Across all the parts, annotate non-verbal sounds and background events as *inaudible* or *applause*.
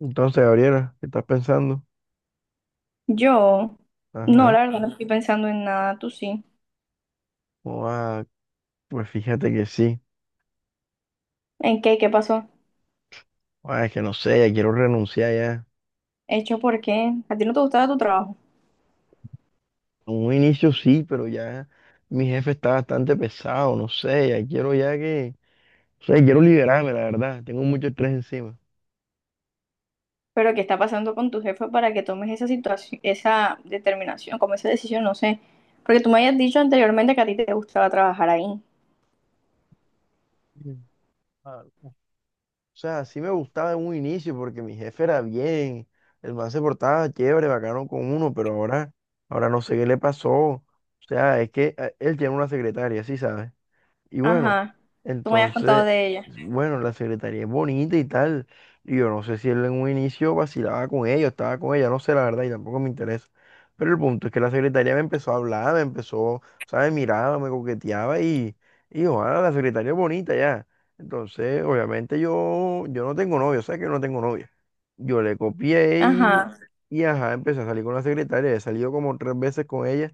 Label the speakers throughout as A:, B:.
A: Entonces, Gabriela, ¿qué estás pensando?
B: Yo, no,
A: Ajá.
B: la verdad, no, sí estoy pensando en nada, tú sí.
A: Ua, pues fíjate que sí.
B: ¿En qué? ¿Qué pasó?
A: Ua, es que no sé, ya quiero renunciar ya.
B: ¿Hecho por qué? ¿A ti no te gustaba tu trabajo?
A: En un inicio sí, pero ya mi jefe está bastante pesado, no sé, ya quiero ya que... O sea, quiero liberarme, la verdad. Tengo mucho estrés encima.
B: ¿Pero qué está pasando con tu jefe para que tomes esa situación, esa determinación, como esa decisión? No sé. Porque tú me habías dicho anteriormente que a ti te gustaba trabajar ahí.
A: Mm. Ah, o sea, sí me gustaba en un inicio porque mi jefe era bien, el man se portaba chévere, bacano con uno, pero ahora no sé qué le pasó. O sea, es que él tiene una secretaria, sí, ¿sabes? Y bueno,
B: Ajá. Tú me habías contado
A: entonces,
B: de ella.
A: bueno, la secretaría es bonita y tal. Y yo no sé si él en un inicio vacilaba con ella, o estaba con ella, no sé la verdad y tampoco me interesa. Pero el punto es que la secretaria me empezó a hablar, ¿sabes? Miraba, me coqueteaba y ojalá la secretaria es bonita ya. Entonces, obviamente yo no tengo novio, ¿sabes que yo no tengo novia? Yo le copié y,
B: Ajá.
A: y ajá, empecé a salir con la secretaria. He salido como tres veces con ella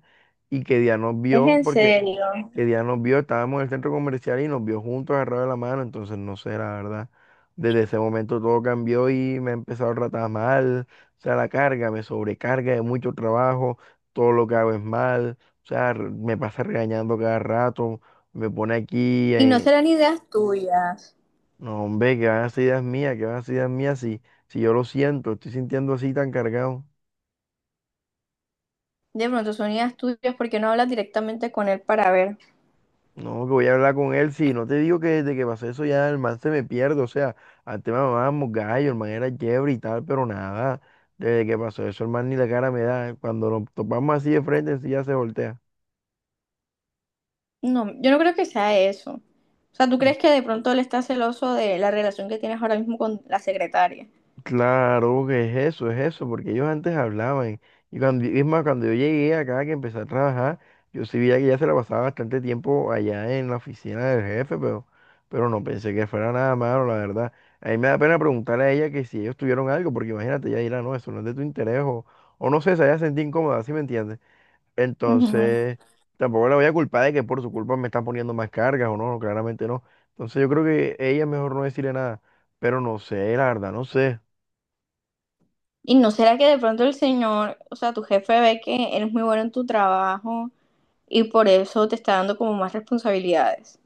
A: y que día nos
B: Es
A: vio
B: en
A: porque
B: serio.
A: que Diana nos vio, estábamos en el centro comercial y nos vio juntos agarrados de la mano, entonces no sé, la verdad. Desde ese momento todo cambió y me he empezado a tratar mal, o sea, la carga me sobrecarga de mucho trabajo, todo lo que hago es mal, o sea, me pasa regañando cada rato, me pone aquí,
B: ¿Y no
A: en...
B: serán ideas tuyas?
A: No, hombre, que van a ser ideas mías, que van a ser ideas mías, si yo lo siento, estoy sintiendo así tan cargado.
B: De pronto son ideas tuyas porque no hablas directamente con él para ver.
A: No, que voy a hablar con él. Si no te digo que desde que pasó eso ya el man se me pierde. O sea, antes me mamábamos gallo, el man era chévere y tal, pero nada. Desde que pasó eso, el man ni la cara me da. Cuando nos topamos así de frente, sí ya se voltea.
B: No, yo no creo que sea eso. O sea, ¿tú crees que de pronto él está celoso de la relación que tienes ahora mismo con la secretaria?
A: Claro que es eso, porque ellos antes hablaban. Y cuando, es más, cuando yo llegué acá, que empecé a trabajar, yo sí veía que ya se la pasaba bastante tiempo allá en la oficina del jefe, pero no pensé que fuera nada malo, la verdad. A mí me da pena preguntarle a ella que si ellos tuvieron algo, porque imagínate, ella dirá, no, eso no es de tu interés, o no sé, se haya sentido incómoda, ¿sí me entiendes?
B: Ujú.
A: Entonces, tampoco la voy a culpar de que por su culpa me están poniendo más cargas, o no, no, claramente no. Entonces yo creo que ella es mejor no decirle nada, pero no sé, la verdad, no sé.
B: ¿Y no será que de pronto el señor, o sea, tu jefe ve que eres muy bueno en tu trabajo y por eso te está dando como más responsabilidades?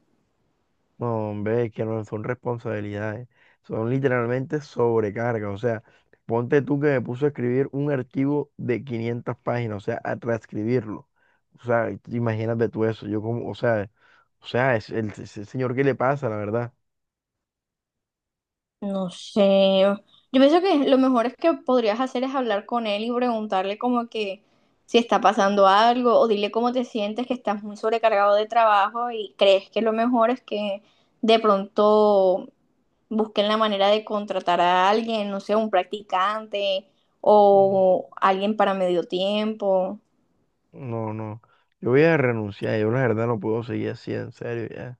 A: No, hombre, es que no son responsabilidades, son literalmente sobrecargas. O sea, ponte tú que me puso a escribir un archivo de 500 páginas, o sea, a transcribirlo. O sea, imagínate tú eso. Yo como, o sea, es ese señor, ¿qué le pasa, la verdad?
B: No sé. Yo pienso que lo mejor es que podrías hacer es hablar con él y preguntarle como que si está pasando algo, o dile cómo te sientes, que estás muy sobrecargado de trabajo y crees que lo mejor es que de pronto busquen la manera de contratar a alguien, no sé, un practicante
A: Mm,
B: o alguien para medio tiempo.
A: No, no. Yo voy a renunciar, yo la verdad no puedo seguir así, en serio, ya.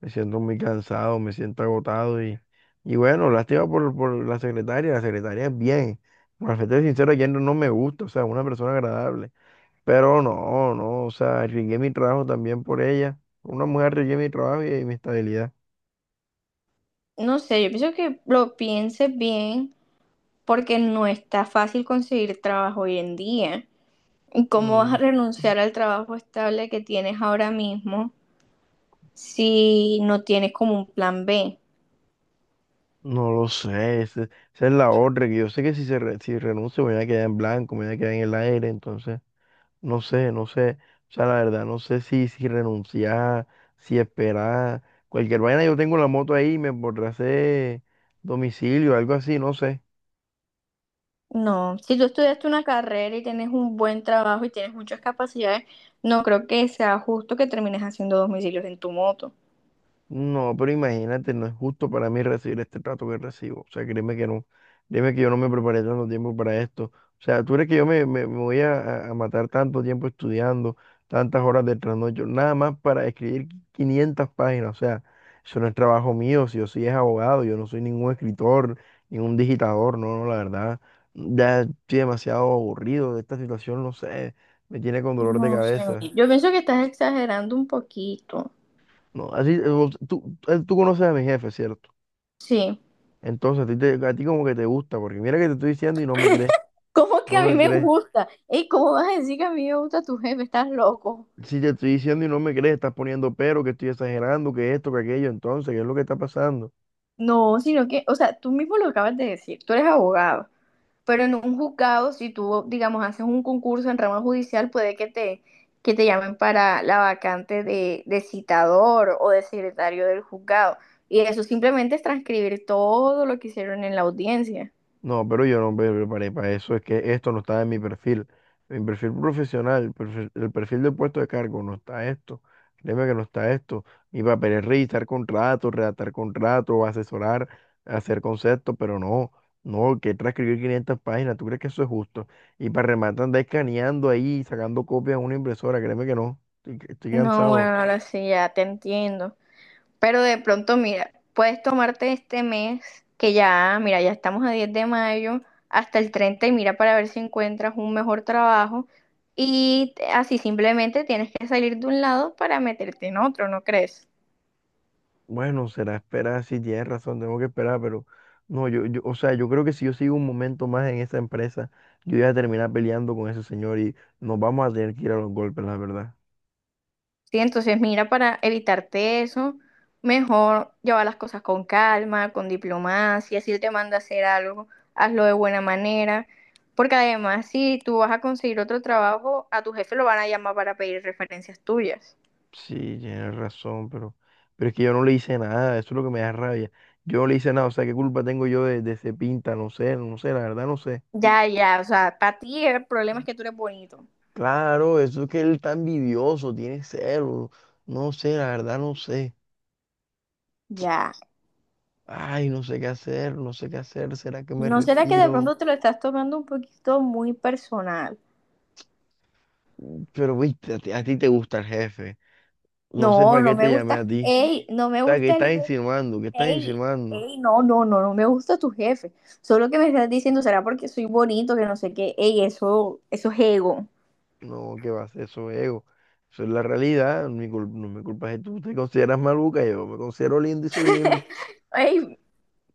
A: Me siento muy cansado, me siento agotado y bueno, lástima por la secretaria es bien. Para ser sincero, ayer no, no me gusta, o sea, una persona agradable. Pero no, no, o sea, arriesgué mi trabajo también por ella. Una mujer arriesgué mi trabajo y, mi estabilidad.
B: No sé, yo pienso que lo pienses bien porque no está fácil conseguir trabajo hoy en día. ¿Y cómo vas
A: Mm,
B: a renunciar al trabajo estable que tienes ahora mismo si no tienes como un plan B?
A: no lo sé, esa es la otra, que yo sé que si renuncio me voy a quedar en blanco, me voy a quedar en el aire, entonces... No sé, no sé. O sea, la verdad, no sé si renunciar, si esperar. Cualquier vaina, yo tengo la moto ahí, me podré hacer domicilio, algo así, no sé.
B: No, si tú estudiaste una carrera y tienes un buen trabajo y tienes muchas capacidades, no creo que sea justo que termines haciendo domicilios en tu moto.
A: No, pero imagínate, no es justo para mí recibir este trato que recibo. O sea, créeme que no, créeme que yo no me preparé tanto tiempo para esto. O sea, tú crees que yo me voy a matar tanto tiempo estudiando, tantas horas de trasnocho, nada más para escribir 500 páginas. O sea, eso no es trabajo mío, si yo sí es abogado, yo no soy ningún escritor, ningún digitador, no, no, la verdad. Ya estoy demasiado aburrido de esta situación, no sé, me tiene con dolor de
B: No sé,
A: cabeza.
B: yo pienso que estás exagerando un poquito.
A: No, así, tú conoces a mi jefe, ¿cierto?
B: Sí.
A: Entonces, a ti, como que te gusta, porque mira que te estoy diciendo y no me crees,
B: ¿Cómo que
A: no
B: a mí
A: me
B: me
A: crees.
B: gusta? ¿Y cómo vas a decir que a mí me gusta tu jefe? Estás loco.
A: Si te estoy diciendo y no me crees, estás poniendo pero, que estoy exagerando, que esto, que aquello, entonces, ¿qué es lo que está pasando?
B: No, sino que, o sea, tú mismo lo acabas de decir, tú eres abogado. Pero en un juzgado, si tú, digamos, haces un concurso en rama judicial, puede que te llamen para la vacante de citador o de secretario del juzgado. Y eso simplemente es transcribir todo lo que hicieron en la audiencia.
A: No, pero yo no me preparé para eso. Es que esto no estaba en mi perfil. Mi perfil profesional, el perfil del puesto de cargo, no está esto. Créeme que no está esto. Mi papel es revisar contratos, redactar contratos, asesorar, hacer conceptos, pero no, no, que transcribir 500 páginas. ¿Tú crees que eso es justo? Y para rematar, andar escaneando ahí, sacando copias a una impresora. Créeme que no. Estoy
B: No, bueno,
A: cansado.
B: ahora sí, ya te entiendo. Pero de pronto, mira, puedes tomarte este mes, que ya, mira, ya estamos a 10 de mayo, hasta el 30, y mira para ver si encuentras un mejor trabajo. Y así simplemente tienes que salir de un lado para meterte en otro, ¿no crees?
A: Bueno, será esperar, si tienes razón, tengo que esperar, pero no, yo, o sea, yo creo que si yo sigo un momento más en esa empresa, yo voy a terminar peleando con ese señor y nos vamos a tener que ir a los golpes, la verdad.
B: Sí, entonces mira, para evitarte eso, mejor llevar las cosas con calma, con diplomacia. Si él te manda a hacer algo, hazlo de buena manera. Porque además, si tú vas a conseguir otro trabajo, a tu jefe lo van a llamar para pedir referencias tuyas.
A: Sí, tienes razón, pero es que yo no le hice nada, eso es lo que me da rabia. Yo no le hice nada, o sea, ¿qué culpa tengo yo de ese pinta? No sé, no sé, la verdad no sé.
B: Ya, ya, o sea, para ti el problema es que tú eres bonito.
A: Claro, eso es que él está envidioso, tiene celos, no sé, la verdad no sé.
B: Ya.
A: Ay, no sé qué hacer, no sé qué hacer, ¿será que me
B: ¿No será que de
A: retiro?
B: pronto te lo estás tomando un poquito muy personal?
A: Pero, viste a ti, te gusta el jefe. No sé
B: No,
A: para qué
B: no me
A: te llamé
B: gusta.
A: a ti.
B: Ey, no me
A: O sea, ¿qué
B: gusta
A: estás
B: el...
A: insinuando? ¿Qué estás
B: Ey,
A: insinuando?
B: ey, no, no, no, no me gusta tu jefe. Solo que me estás diciendo será porque soy bonito, que no sé qué. Ey, eso es ego.
A: No, ¿qué vas? Eso es ego. Eso es la realidad. No me culpa si tú te consideras maluca. Yo me considero lindo y soy lindo.
B: *laughs* Ey,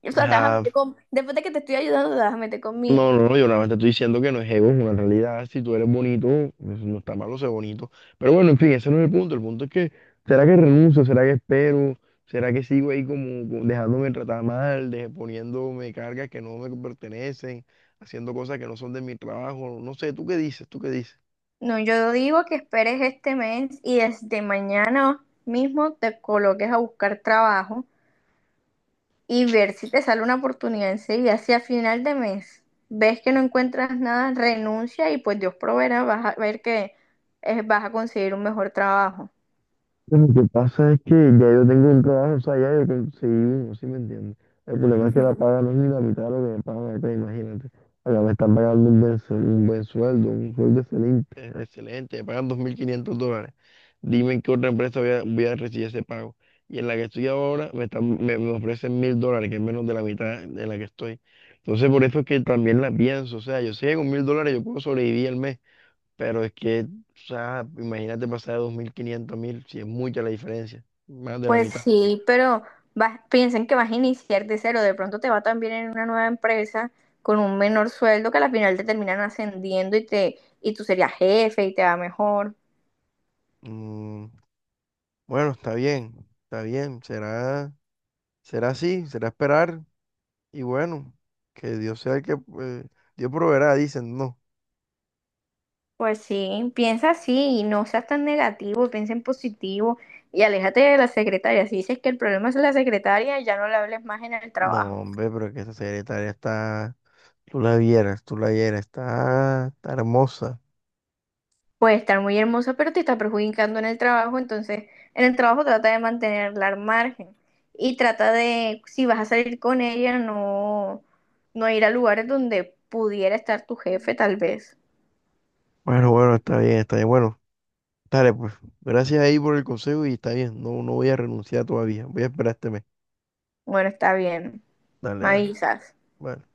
B: o sea, te vas a
A: Ah,
B: meter con... Después de que te estoy ayudando, te vas a meter conmigo.
A: no, no, no, yo nada más te estoy diciendo que no es ego, es una realidad. Si tú eres bonito, pues, no está malo ser bonito. Pero bueno, en fin, ese no es el punto. El punto es que, ¿será que renuncio? ¿Será que espero? ¿Será que sigo ahí como dejándome tratar mal, poniéndome cargas que no me pertenecen, haciendo cosas que no son de mi trabajo? No sé, ¿tú qué dices? ¿Tú qué dices?
B: No, yo digo que esperes este mes y desde mañana mismo te coloques a buscar trabajo y ver si te sale una oportunidad enseguida. Si a final de mes ves que no encuentras nada, renuncia y pues Dios proveerá, vas a ver que vas a conseguir un mejor trabajo.
A: Lo que pasa es que ya yo tengo un trabajo, o sea, ya yo conseguí uno, ¿sí me entiendes? El problema es que
B: Ujú.
A: la paga no es ni la mitad de lo que me pagan acá, imagínate. Acá me están pagando un buen sueldo, un sueldo excelente, excelente, me pagan $2.500. Dime en qué otra empresa voy a recibir ese pago. Y en la que estoy ahora me ofrecen $1.000, que es menos de la mitad de la que estoy. Entonces por eso es que también la pienso, o sea, yo sé que con $1.000 yo puedo sobrevivir al mes. Pero es que, o sea, imagínate pasar de 2.500 a 1.000, si es mucha la diferencia, más de la
B: Pues
A: mitad.
B: sí, pero vas, piensen que vas a iniciar de cero, de pronto te va también en una nueva empresa con un menor sueldo que al final te terminan ascendiendo y te y tú serías jefe y te va mejor.
A: Mm, bueno, está bien, será así, será esperar y bueno, que Dios sea el que, Dios proveerá, dicen, no.
B: Pues sí, piensa así y no seas tan negativo, piensa en positivo y aléjate de la secretaria. Si dices que el problema es la secretaria, ya no le hables más en el trabajo.
A: No, hombre, pero es que esa secretaria está, tú la vieras, está hermosa.
B: Puede estar muy hermosa, pero te está perjudicando en el trabajo, entonces en el trabajo trata de mantenerla al margen y trata de, si vas a salir con ella, no, no ir a lugares donde pudiera estar tu jefe, tal vez.
A: Bueno, bueno, está bien, bueno, dale pues, gracias ahí por el consejo y está bien, no, no voy a renunciar todavía, voy a esperar este mes.
B: Bueno, está bien,
A: Dale,
B: me
A: dale.
B: avisas.
A: Bueno.